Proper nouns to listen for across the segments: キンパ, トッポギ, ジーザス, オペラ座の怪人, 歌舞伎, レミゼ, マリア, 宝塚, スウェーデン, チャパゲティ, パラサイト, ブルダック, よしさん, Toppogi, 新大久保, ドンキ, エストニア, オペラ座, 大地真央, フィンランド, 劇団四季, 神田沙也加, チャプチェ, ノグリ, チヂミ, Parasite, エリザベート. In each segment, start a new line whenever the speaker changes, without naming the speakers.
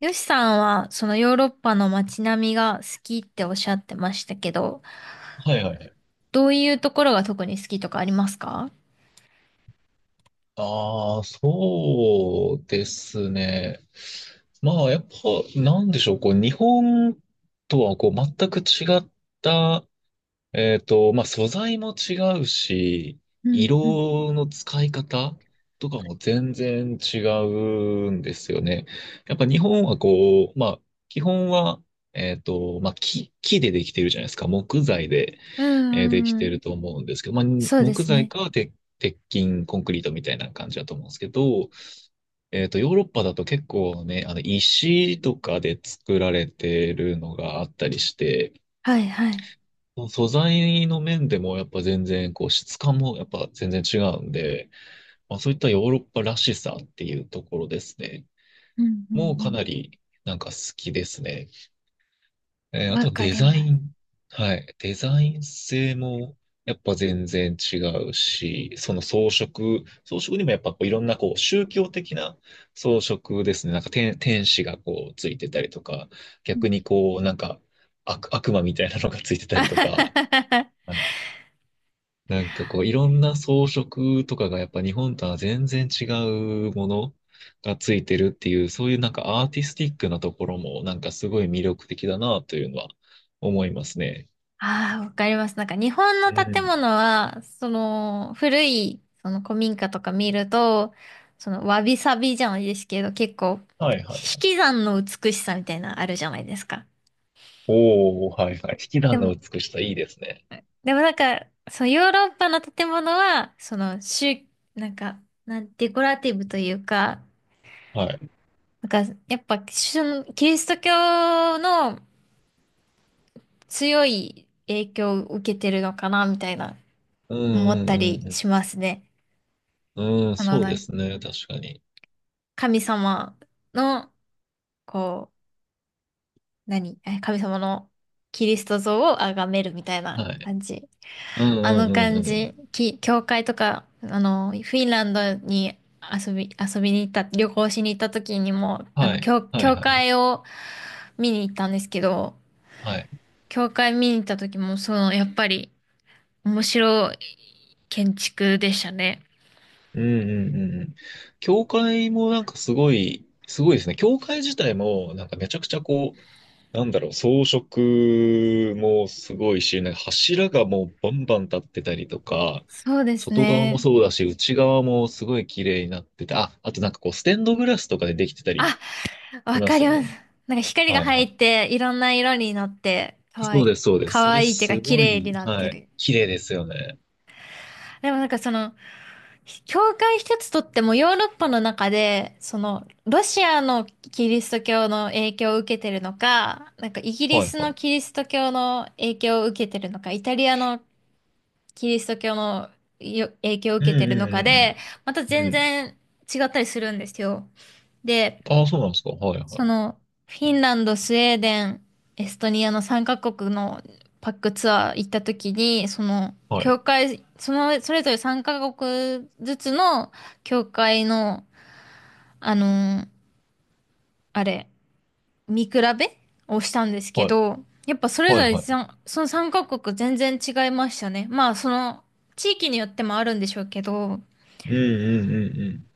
よしさんは、そのヨーロッパの街並みが好きっておっしゃってましたけど、
はいはい。
どういうところが特に好きとかありますか？
ああ、そうですね。まあ、やっぱ、なんでしょう、こう、日本とは、こう、全く違った、まあ、素材も違うし、
うんうん
色の使い方とかも全然違うんですよね。やっぱ日本は、こう、まあ、基本は、まあ、木でできてるじゃないですか、木材で。
う
で
ん
き
うんう
てる
ん。
と思うんですけど、まあ、
そうで
木
す
材
ね。
か鉄、鉄筋、コンクリートみたいな感じだと思うんですけど、ヨーロッパだと結構ね、あの、石とかで作られてるのがあったりして、
はいはい。
素材の面でもやっぱ全然、こう、質感もやっぱ全然違うんで、まあ、そういったヨーロッパらしさっていうところですね。
うんう
もうかな
ん
り、なんか好きですね。
うん。
あ
わ
と
か
デ
り
ザ
ま
イ
す。
ン。はい。デザイン性もやっぱ全然違うし、装飾にもやっぱこういろんなこう宗教的な装飾ですね。なんか天使がこうついてたりとか、
う
逆に
ん。
こうなんか悪魔みたいなのがついてた
あ
りと
は
か、
ははは。
なんかこう、いろんな装飾とかがやっぱ日本とは全然違うものがついてるっていう、そういうなんかアーティスティックなところもなんかすごい魅力的だなというのは思いますね。
あー、わかります。なんか日本の
う
建
ん。
物は、その古い、その古民家とか見ると、そのわびさびじゃないですけど、結構、
はいは
引
い。
き算の美しさみたいなのあるじゃないですか。
おー、はいはい。引き
で
算の
も、
美しさいいですね。
でもなんか、そのヨーロッパの建物は、その、なんか、デコラティブというか、
はい。
なんか、やっぱ、キリスト教の強い影響を受けてるのかな、みたいな、
うん
思
う
っ
ん
たり
うん
しますね。
うん。うん、
あの、
そう
な
で
んか
すね。確かに。
神様の、こう、神様のキリスト像を崇めるみたいな
はい。
感じ。
うん
あ
う
の
んう
感
んうん。
じ、教会とか、あの、フィンランドに遊び、遊びに行った、旅行しに行った時にも、あ
は
の、
い。はい
教
はいはい。
会を見に行ったんですけど、
はい、
教会見に行った時も、その、やっぱり、面白い建築でしたね。
うんうんうんうん。教会もなんかすごい、すごいですね。教会自体もなんかめちゃくちゃこう、なんだろう、装飾もすごいし、なんか柱がもうバンバン立ってたりとか、
そうです
外側も
ね。
そうだし、内側もすごい綺麗になってて、あ、あとなんかこう、ステンドグラスとかでできてた
あ、
りし
わ
ま
か
す
り
よ
ます。
ね。
なんか光が
はい
入
はい。
って、いろんな色になって、かわ
そ
い
うで
い。
す、そうです。
か
そ
わ
れ
いいっていうか、
す
綺
ご
麗に
い、
なっ
は
て
い。
る。
綺麗ですよね。
でもなんかその、教会一つとってもヨーロッパの中で、その、ロシアのキリスト教の影響を受けてるのか、なんかイギリ
はい
ス
は
の
い。
キリスト教の影響を受けてるのか、イタリアのキリスト教の影響を
うん
受けてる
う
のかで、また
んうんうん。
全
うん。
然違ったりするんですよ。で、
ああ、そうなんですか。はいは
そ
い。
の、フィンランド、スウェーデン、エストニアの3カ国のパックツアー行った時に、その、
はい。
教会、その、それぞれ3カ国ずつの教会の、あのーあれ、見比べをしたんですけ
はい。
ど、やっぱそれ
は
ぞ
い
れ
はい。
その3カ国全然違いましたね。まあ、その、地域によってもあるんでしょうけど、
うんうんうんうん、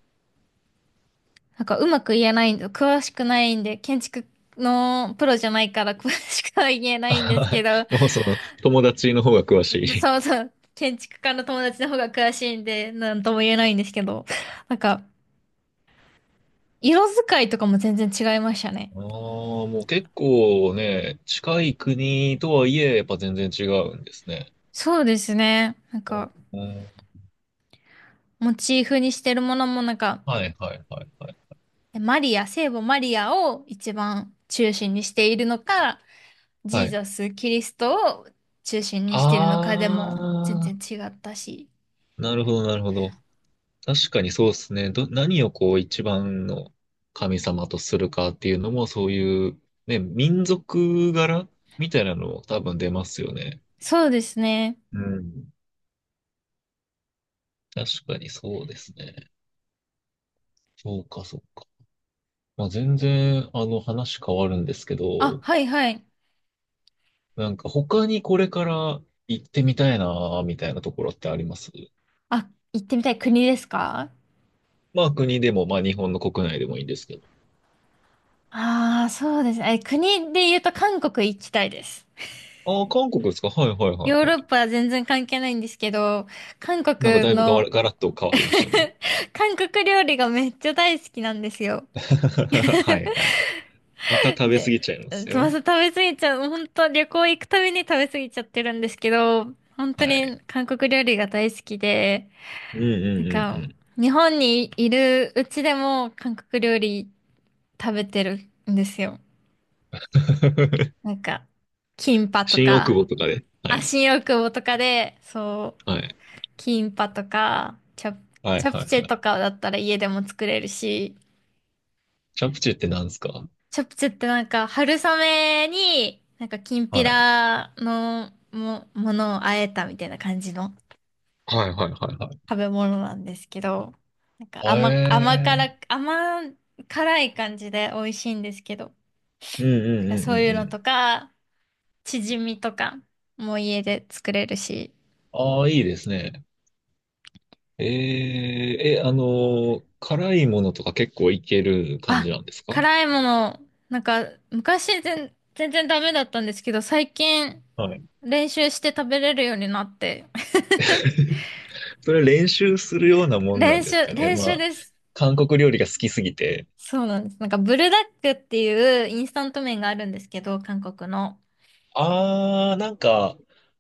なんかうまく言えないんで、詳しくないんで、建築のプロじゃないから 詳しくは言えないんです
は
け
い。
ど、
もうその、友達の方が詳しい。
そうそう。建築家の友達の方が詳しいんで、なんとも言えないんですけど。なんか、色使いとかも全然違いましたね。
ああ、もう結構ね、近い国とはいえ、やっぱ全然違うんですね。
そうですね。なんか、
おお、
モチーフにしてるものもなんか、
はいはいはいはい。
マリア、聖母マリアを一番中心にしているのか、ジ
は
ー
い。
ザス、キリストを中心にしているのかでも全
ああ、
然違ったし。
なるほどなるほど。確かにそうですね。ど、何をこう一番の神様とするかっていうのも、そういう、ね、民族柄みたいなのも多分出ますよね。
そうですね。
うん。確かにそうですね。そうか、そうか。まあ、全然、あの、話変わるんですけ
あ、
ど、
はいはい。
なんか他にこれから行ってみたいな、みたいなところってあります？
あ、行ってみたい国ですか？
まあ、国でも、まあ、日本の国内でもいいんですけど。
ああー、そうですね。国で言うと韓国行きたいです。
ああ、韓国ですか？はいはいはい
ヨー
は
ロ
い。
ッパは全然関係ないんですけど、韓
なんかだ
国
いぶがわ
の、
ら、ガラッと変わりましたね。
韓国料理がめっちゃ大好きなんですよ。
はいはいはい。また食べ過
で、
ぎちゃいます
つま
よ。
ず食べ過ぎちゃう、本当旅行行くたびに食べ過ぎちゃってるんですけど、本
は
当
い。
に韓国料理が大好きで、
うんう
なん
んうんう
か、
ん。
日本にいるうちでも韓国料理食べてるんですよ。なんか、キンパと
新大久
か、
保とかで。は
あ、
い。
新大久保とかで、そ
はい。
う、キンパとか、
はい
チャ
は
プ
い
チ
は
ェ
い。
とかだったら家でも作れるし、
チャプチェって何ですか？
チャプチェってなんか春雨に、なんかきんぴ
はい。
らのものをあえたみたいな感じの
はいはいはいは
食べ物なんですけど、なんか
い。へえ。
甘辛い感じで美味しいんですけど、
うんう
だ
ん
から
うん
そう
う
い
ん
う
う
のと
ん。
か、チヂミとかも家で作れるし、
ああ、いいですね。えー、え、あの、辛いものとか結構いける感
あ、
じなんですか？
辛いもの、なんか、昔全然ダメだったんですけど、最近
はい。
練習して食べれるようになって。
それ練習するようなもんなん
練
です
習、
かね。
練
ま
習
あ、
です。
韓国料理が好きすぎて。
そうなんです。なんか、ブルダックっていうインスタント麺があるんですけど、韓国の。
ああ、なんか、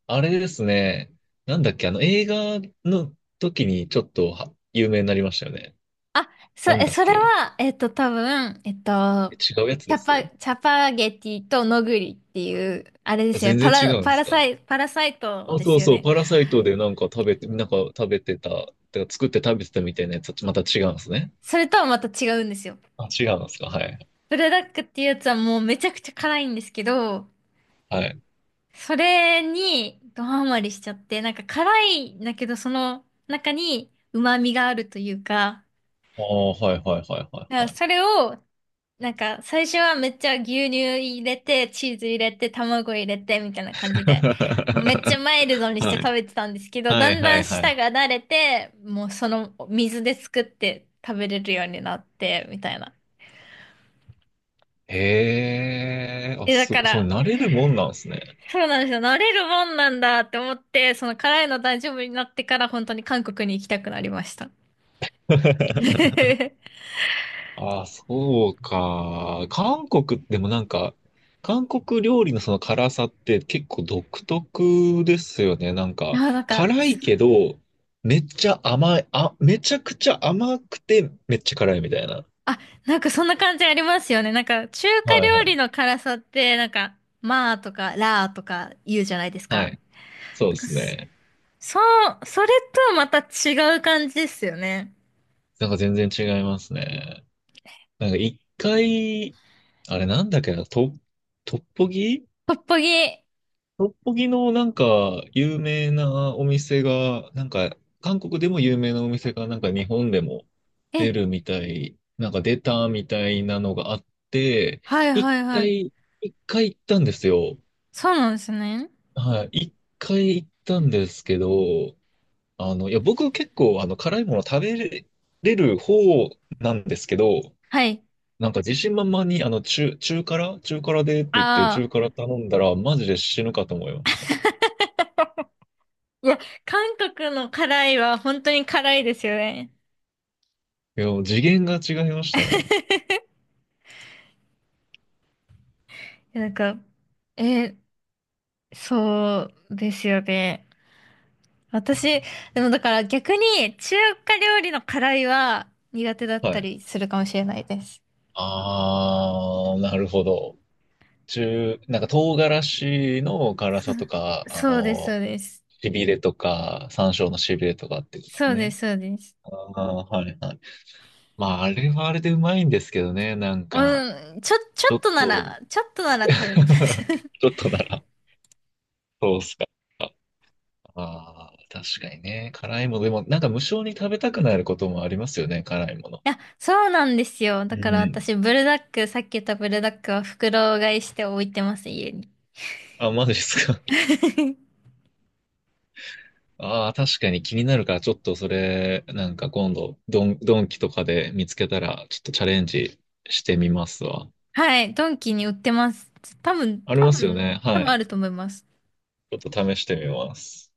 あれですね。なんだっけ、あの、映画の時にちょっとは有名になりましたよね。
あ、
なんだっ
それ
け。
は、多分、
え、違うやつです？
チャパゲティとノグリっていう、あれですよね。
全然違うんですか？
パラサイト
あ、
で
そ
す
う
よ
そう、
ね。
パラサイトでなんか食べて、なんか食べてた、てか作って食べてたみたいなやつはまた違うんですね。
それとはまた違うんですよ。
あ、違うんですか、はい。
ブルダックっていうやつはもうめちゃくちゃ辛いんですけど、
はい。
それにドハマりしちゃって、なんか辛いんだけど、その中に旨味があるというか、
ああ、はいはいはいは
だか
い
ら
はい。
それを、なんか最初はめっちゃ牛乳入れて、チーズ入れて、卵入れて、みたいな感じで、めっちゃマイルド にして
はい。
食べてたんですけど、
は
だ
い
ん
は
だ
い
ん
は
舌
い。
が慣れて、もうその水で作って食べれるようになって、みたいな。
へえ、あ、
だ
す
か
ごい、そう、
ら、
慣れるもんなんですね。
そうなんですよ。慣れるもんなんだって思って、その辛いの大丈夫になってから本当に韓国に行きたくなりました。
ああ、そうか。韓国でもなんか、韓国料理のその辛さって結構独特ですよね。なんか、
あ、なんか、
辛いけど、めちゃくちゃ甘くて、めっちゃ辛いみたいな。
あ、なんかそんな感じありますよね。なんか中華
はいは
料
い。
理の辛さって、なんか、まあとか、らーとか言うじゃないです
は
か。
い。そう
なん
で
か
すね。
そう、それとまた違う感じですよね。
なんか全然違いますね。なんか一回、あれなんだっけな、トッポギ、
トッポギ。え、
六本木のなんか有名なお店が、なんか韓国でも有名なお店がなんか日本でも出るみたい、なんか出たみたいなのがあって、
はい
一
はいはい。
回、一回行ったんですよ。
そうなんですね。
はい。一回行ったんですけど、あの、いや、僕結構あの辛いもの食べれる方なんですけど、
はい。
なんか自信満々にあの中辛中辛でって言って
ああ。
中辛頼んだらマジで死ぬかと思いましたね。
いや、韓国の辛いは本当に辛いですよね。
いや、も次元が違いましたね。
なんか、え、そうですよね。私、でもだから逆に中華料理の辛いは苦手だっ
は
た
い。
りするかもしれないです。
あー、なるほど。中、なんか唐辛子の辛さとか、あ
そうです、そ
の、
うです。
しびれとか、山椒のしびれとかってことです
そうで
ね。
す、そうです。
あー、はいはい。まあ、あれはあれでうまいんですけどね、なんか、
うん、ちょ、ちょ
ちょ
っ
っ
とな
と、
ら、ちょっとなら 食べれます。
ちょっとなら、そうっすか。ああ、確かにね。辛いもの、でも、なんか無性に食べたくなることもありますよね、辛いもの。
いや、そうなんですよ。
う
だから
ん。
私、ブルダック、さっき言ったブルダックは袋買いして置いてます、家に。
あ、マジですか？ああ、確かに気になるから、ちょっとそれ、なんか今度、ドンキとかで見つけたら、ちょっとチャレンジしてみますわ。
はい、ドンキに売ってます。多分、
あり
多
ますよ
分、
ね。
多
は
分あ
い。
ると思います。
ちょっと試してみます。